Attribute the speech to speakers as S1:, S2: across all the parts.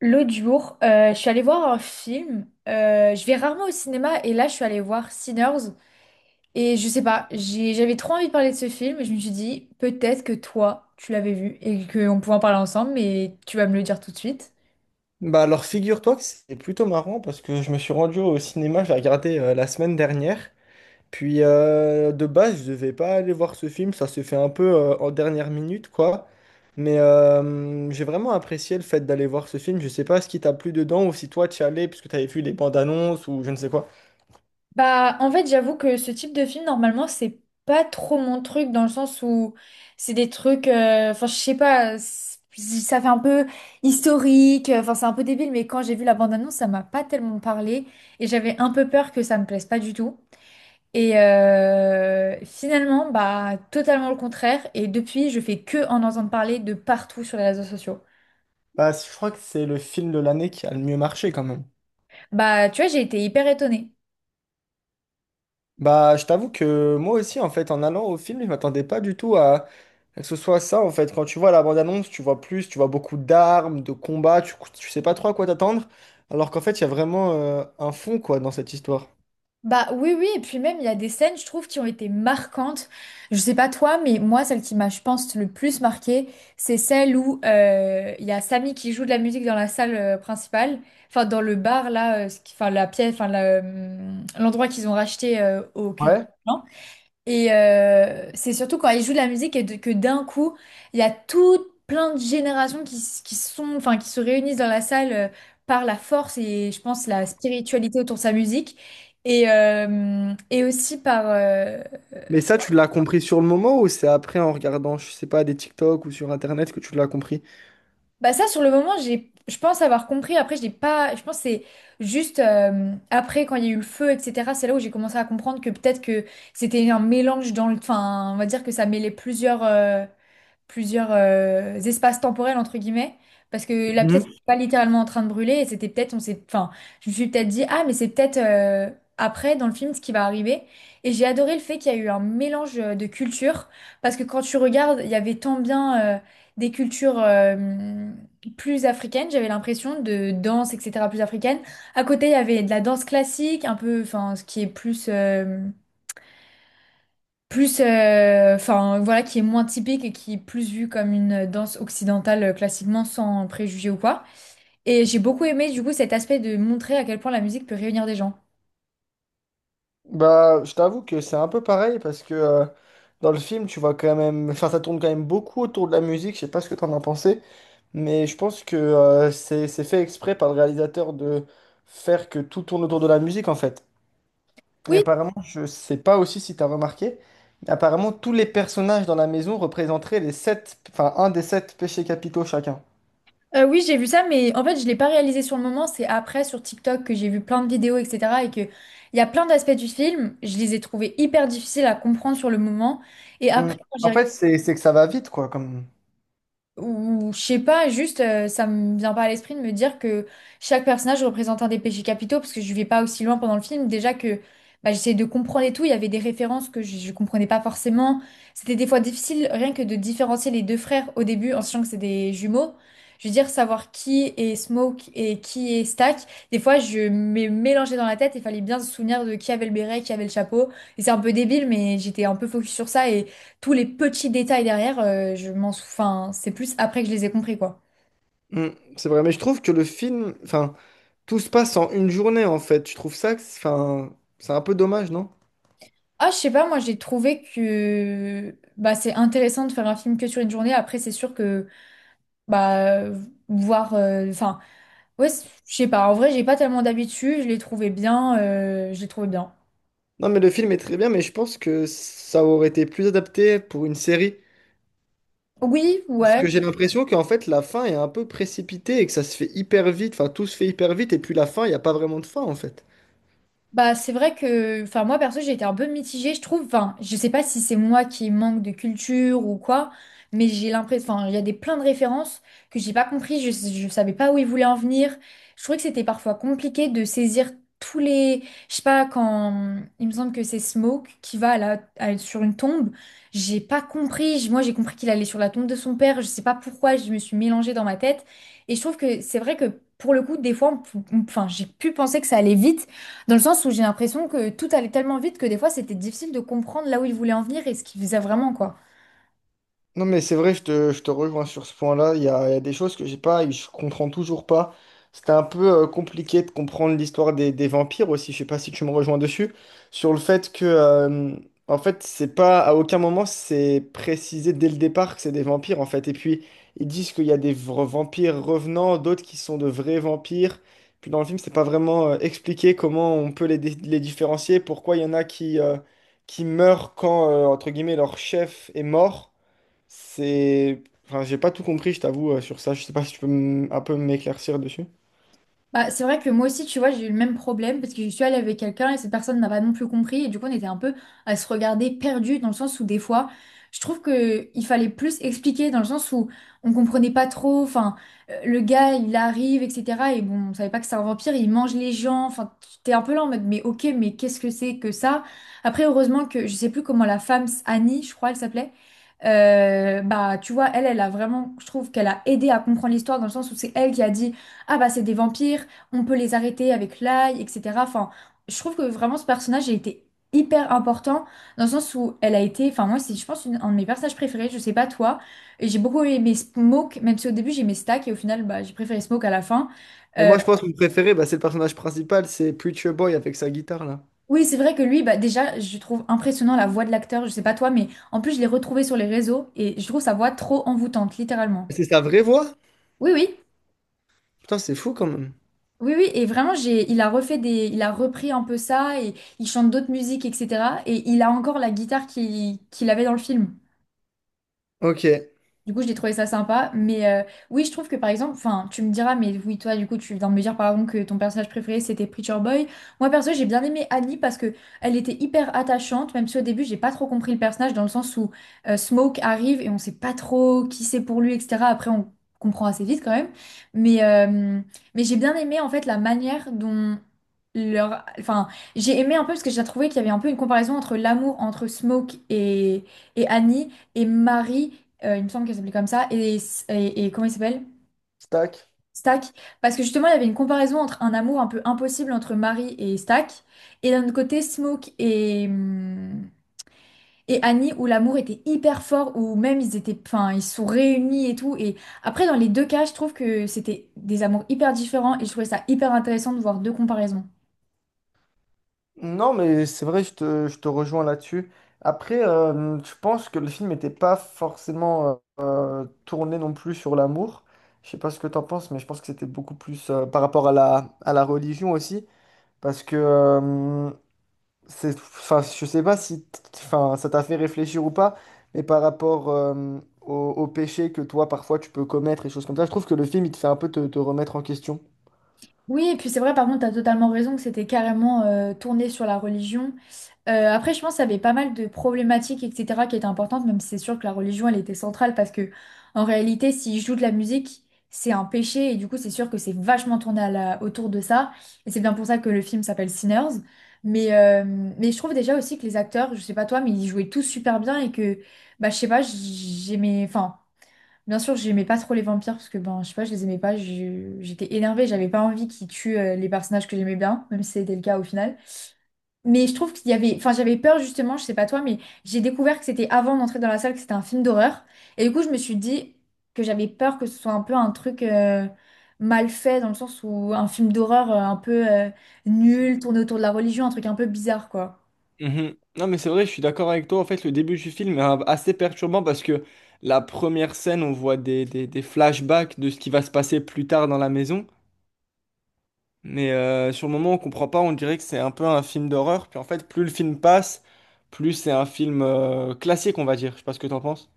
S1: L'autre jour, je suis allée voir un film. Je vais rarement au cinéma et là, je suis allée voir Sinners. Et je sais pas, j'avais trop envie de parler de ce film et je me suis dit, peut-être que toi, tu l'avais vu et qu'on pouvait en parler ensemble, mais tu vas me le dire tout de suite.
S2: Bah alors figure-toi que c'est plutôt marrant parce que je me suis rendu au cinéma, je l'ai regardé la semaine dernière. Puis de base, je devais pas aller voir ce film, ça s'est fait un peu en dernière minute quoi. Mais j'ai vraiment apprécié le fait d'aller voir ce film. Je sais pas ce qui t'a plu dedans ou si toi tu y allais parce que t'avais vu les bandes annonces ou je ne sais quoi.
S1: Bah, en fait, j'avoue que ce type de film, normalement, c'est pas trop mon truc dans le sens où c'est des trucs, enfin, je sais pas, ça fait un peu historique, enfin, c'est un peu débile, mais quand j'ai vu la bande-annonce, ça m'a pas tellement parlé et j'avais un peu peur que ça me plaise pas du tout. Et finalement, bah, totalement le contraire. Et depuis, je fais que en entendre parler de partout sur les réseaux sociaux.
S2: Bah je crois que c'est le film de l'année qui a le mieux marché quand même.
S1: Bah, tu vois, j'ai été hyper étonnée.
S2: Bah je t'avoue que moi aussi en fait en allant au film, je m'attendais pas du tout à que ce soit ça. En fait, quand tu vois la bande-annonce, tu vois plus, tu vois beaucoup d'armes, de combats, tu sais pas trop à quoi t'attendre, alors qu'en fait, il y a vraiment un fond, quoi, dans cette histoire.
S1: Bah oui, oui, et puis même, il y a des scènes, je trouve, qui ont été marquantes. Je sais pas toi, mais moi, celle qui m'a, je pense, le plus marquée, c'est celle où il y a Samy qui joue de la musique dans la salle principale, enfin, dans le bar, là, enfin, la pièce, enfin, la, l'endroit qu'ils ont racheté au QQ.
S2: Ouais.
S1: Et c'est surtout quand ils jouent de la musique que d'un coup, il y a tout plein de générations qui sont, enfin, qui se réunissent dans la salle par la force et je pense la spiritualité autour de sa musique. Et aussi par.
S2: Mais ça, tu l'as compris sur le moment ou c'est après en regardant, je sais pas, des TikTok ou sur Internet que tu l'as compris?
S1: Bah ça, sur le moment, je pense avoir compris. Après, je n'ai pas... Je pense que c'est juste après, quand il y a eu le feu, etc., c'est là où j'ai commencé à comprendre que peut-être que c'était un mélange dans le... Enfin, on va dire que ça mêlait plusieurs espaces temporels entre guillemets parce que la pièce
S2: Mhm.
S1: n'était pas littéralement en train de brûler et c'était peut-être on s'est enfin je me suis peut-être dit ah mais c'est peut-être après dans le film ce qui va arriver et j'ai adoré le fait qu'il y a eu un mélange de cultures parce que quand tu regardes il y avait tant bien des cultures plus africaines j'avais l'impression de danse etc plus africaine à côté il y avait de la danse classique un peu enfin ce qui est plus enfin voilà qui est moins typique et qui est plus vue comme une danse occidentale classiquement sans préjugés ou quoi. Et j'ai beaucoup aimé du coup cet aspect de montrer à quel point la musique peut réunir des gens.
S2: Bah, je t'avoue que c'est un peu pareil parce que dans le film, tu vois quand même, enfin, ça tourne quand même beaucoup autour de la musique. Je sais pas ce que t'en as pensé, mais je pense que c'est fait exprès par le réalisateur de faire que tout tourne autour de la musique en fait. Et
S1: Oui,
S2: apparemment, je sais pas aussi si tu as remarqué, mais apparemment tous les personnages dans la maison représenteraient les sept, enfin un des sept péchés capitaux chacun.
S1: oui, j'ai vu ça, mais en fait, je l'ai pas réalisé sur le moment. C'est après sur TikTok que j'ai vu plein de vidéos, etc. Et que il y a plein d'aspects du film, je les ai trouvés hyper difficiles à comprendre sur le moment. Et après,
S2: Mm.
S1: quand j'ai
S2: En
S1: regardé
S2: fait, c'est que ça va vite, quoi, comme.
S1: ou je sais pas, juste ça me vient pas à l'esprit de me dire que chaque personnage représente un des péchés capitaux parce que je vais pas aussi loin pendant le film. Déjà que bah, j'essayais de comprendre et tout, il y avait des références que je comprenais pas forcément. C'était des fois difficile rien que de différencier les deux frères au début en sachant que c'est des jumeaux. Je veux dire, savoir qui est Smoke et qui est Stack, des fois je me mélangeais dans la tête et fallait bien se souvenir de qui avait le béret, qui avait le chapeau. Et c'est un peu débile, mais j'étais un peu focus sur ça tous les petits détails derrière, enfin, c'est plus après que je les ai compris, quoi.
S2: Mm, c'est vrai, mais je trouve que le film, enfin, tout se passe en une journée, en fait. Je trouve ça, enfin, c'est un peu dommage, non?
S1: Ah, je sais pas, moi j'ai trouvé que bah, c'est intéressant de faire un film que sur une journée. Après, c'est sûr que bah voir, enfin, ouais, je sais pas. En vrai, j'ai pas tellement d'habitude. Je l'ai trouvé bien, je l'ai trouvé bien.
S2: Non, mais le film est très bien, mais je pense que ça aurait été plus adapté pour une série.
S1: Oui,
S2: Parce
S1: ouais.
S2: que j'ai l'impression qu'en fait, la fin est un peu précipitée et que ça se fait hyper vite, enfin, tout se fait hyper vite, et puis la fin, il n'y a pas vraiment de fin, en fait.
S1: Bah, c'est vrai que, enfin, moi perso, j'ai été un peu mitigée, je trouve. Enfin, je sais pas si c'est moi qui manque de culture ou quoi, mais j'ai l'impression, enfin, il y a des plein de références que j'ai pas compris, je savais pas où ils voulaient en venir. Je trouvais que c'était parfois compliqué de saisir tous les, je sais pas, quand il me semble que c'est Smoke qui va sur une tombe, j'ai pas compris. Moi, j'ai compris qu'il allait sur la tombe de son père, je sais pas pourquoi, je me suis mélangée dans ma tête. Et je trouve que c'est vrai que pour le coup, des fois, enfin, j'ai pu penser que ça allait vite. Dans le sens où j'ai l'impression que tout allait tellement vite que des fois c'était difficile de comprendre là où il voulait en venir et ce qu'il faisait vraiment, quoi.
S2: Non, mais c'est vrai, je te rejoins sur ce point-là. Il y a des choses que j'ai pas et je comprends toujours pas. C'était un peu compliqué de comprendre l'histoire des vampires aussi. Je sais pas si tu me rejoins dessus. Sur le fait que, en fait, c'est pas, à aucun moment, c'est précisé dès le départ que c'est des vampires, en fait. Et puis, ils disent qu'il y a vampires revenants, d'autres qui sont de vrais vampires. Puis dans le film, c'est pas vraiment expliqué comment on peut les différencier, pourquoi il y en a qui meurent quand, entre guillemets, leur chef est mort. C'est… Enfin, j'ai pas tout compris, je t'avoue, sur ça. Je sais pas si tu peux un peu m'éclaircir dessus.
S1: Bah, c'est vrai que moi aussi, tu vois, j'ai eu le même problème parce que je suis allée avec quelqu'un et cette personne n'a pas non plus compris. Et du coup, on était un peu à se regarder perdu dans le sens où des fois, je trouve que il fallait plus expliquer dans le sens où on comprenait pas trop. Enfin, le gars, il arrive, etc. Et bon, on savait pas que c'est un vampire, il mange les gens. Enfin, t'es un peu là en mode, mais ok, mais qu'est-ce que c'est que ça? Après, heureusement que je sais plus comment la femme, Annie, je crois, elle s'appelait. Bah, tu vois, elle, elle a vraiment, je trouve qu'elle a aidé à comprendre l'histoire dans le sens où c'est elle qui a dit. Ah bah c'est des vampires, on peut les arrêter avec l'ail, etc. Enfin, je trouve que vraiment ce personnage a été hyper important dans le sens où elle a été, enfin moi c'est je pense un de mes personnages préférés, je sais pas toi, et j'ai beaucoup aimé Smoke, même si au début j'aimais Stack et au final bah, j'ai préféré Smoke à la fin.
S2: Mais
S1: Euh,
S2: moi, je pense que mon préféré, bah, c'est le personnage principal, c'est Preacher Boy avec sa guitare là.
S1: oui c'est vrai que lui, bah déjà je trouve impressionnant la voix de l'acteur, je sais pas toi, mais en plus je l'ai retrouvé sur les réseaux et je trouve sa voix trop envoûtante, littéralement.
S2: C'est sa vraie voix?
S1: Oui oui.
S2: Putain, c'est fou quand même.
S1: Oui, oui, et vraiment, il a refait des, il a repris un peu ça et il chante d'autres musiques, etc. Et il a encore la guitare qu'il avait dans le film.
S2: Ok.
S1: Du coup, j'ai trouvé ça sympa. Mais oui, je trouve que par exemple, enfin, tu me diras, mais oui, toi, du coup, tu viens de me dire par exemple que ton personnage préféré c'était Preacher Boy. Moi, perso, j'ai bien aimé Annie parce que elle était hyper attachante, même si au début, j'ai pas trop compris le personnage dans le sens où Smoke arrive et on sait pas trop qui c'est pour lui, etc. Après, on comprend assez vite quand même. Mais, euh, mais j'ai bien aimé en fait la manière dont leur. Enfin, j'ai aimé un peu parce que j'ai trouvé qu'il y avait un peu une comparaison entre l'amour entre et Annie et Marie. Il me semble qu'elle s'appelait comme ça. Et, et comment il s'appelle?
S2: Stack.
S1: Stack. Parce que justement, il y avait une comparaison entre un amour un peu impossible entre Marie et Stack, et d'un autre côté, Smoke et Annie, où l'amour était hyper fort, où même ils étaient, enfin, ils se sont réunis et tout. Et après, dans les deux cas, je trouve que c'était des amours hyper différents, et je trouvais ça hyper intéressant de voir deux comparaisons.
S2: Non, mais c'est vrai, je te rejoins là-dessus. Après, je pense que le film n'était pas forcément tourné non plus sur l'amour. Je sais pas ce que t'en penses, mais je pense que c'était beaucoup plus par rapport à à la religion aussi. Parce que c'est, enfin, je sais pas si, enfin, ça t'a fait réfléchir ou pas, mais par rapport au péché que toi, parfois, tu peux commettre et choses comme ça, je trouve que le film, il te fait un peu te remettre en question.
S1: Oui, et puis c'est vrai, par contre, tu as totalement raison que c'était carrément tourné sur la religion. Après, je pense qu'il y avait pas mal de problématiques, etc., qui étaient importantes, même si c'est sûr que la religion, elle était centrale, parce que en réalité, s'ils jouent de la musique, c'est un péché, et du coup, c'est sûr que c'est vachement tourné autour de ça, et c'est bien pour ça que le film s'appelle Sinners. Mais, euh, mais je trouve déjà aussi que les acteurs, je sais pas toi, mais ils jouaient tous super bien, et que, bah, je sais pas, j'aimais, enfin, bien sûr, j'aimais pas trop les vampires parce que ben, je sais pas, je les aimais pas. J'étais énervée, j'avais pas envie qu'ils tuent les personnages que j'aimais bien, même si c'était le cas au final. Mais je trouve qu'il y avait, enfin, j'avais peur justement, je sais pas toi, mais j'ai découvert que c'était avant d'entrer dans la salle que c'était un film d'horreur. Et du coup, je me suis dit que j'avais peur que ce soit un peu un truc mal fait dans le sens où un film d'horreur un peu nul, tourné autour de la religion, un truc un peu bizarre quoi.
S2: Mhm. Non, mais c'est vrai, je suis d'accord avec toi. En fait, le début du film est assez perturbant parce que la première scène, on voit des flashbacks de ce qui va se passer plus tard dans la maison. Mais sur le moment, on comprend pas, on dirait que c'est un peu un film d'horreur. Puis en fait, plus le film passe, plus c'est un film classique, on va dire. Je sais pas ce que t'en penses.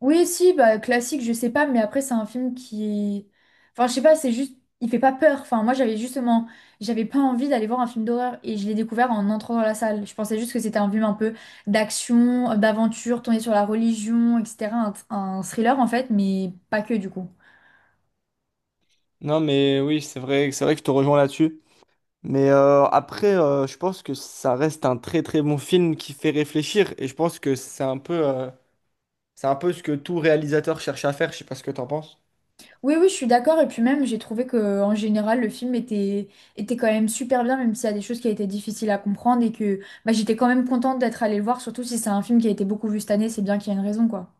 S1: Oui, si, bah, classique, je sais pas, mais après, c'est un film qui. Enfin, je sais pas, c'est juste. Il fait pas peur. Enfin, moi, j'avais justement. J'avais pas envie d'aller voir un film d'horreur et je l'ai découvert en entrant dans la salle. Je pensais juste que c'était un film un peu d'action, d'aventure, tourné sur la religion, etc. Un thriller, en fait, mais pas que du coup.
S2: Non, mais oui, c'est vrai que je te rejoins là-dessus. Mais après, je pense que ça reste un très très bon film qui fait réfléchir. Et je pense que c'est un peu ce que tout réalisateur cherche à faire. Je sais pas ce que t'en penses.
S1: Oui, oui, je suis d'accord. Et puis même, j'ai trouvé que en général, le film était, était quand même super bien, même s'il y a des choses qui étaient difficiles à comprendre et que bah, j'étais quand même contente d'être allée le voir, surtout si c'est un film qui a été beaucoup vu cette année, c'est bien qu'il y a une raison, quoi.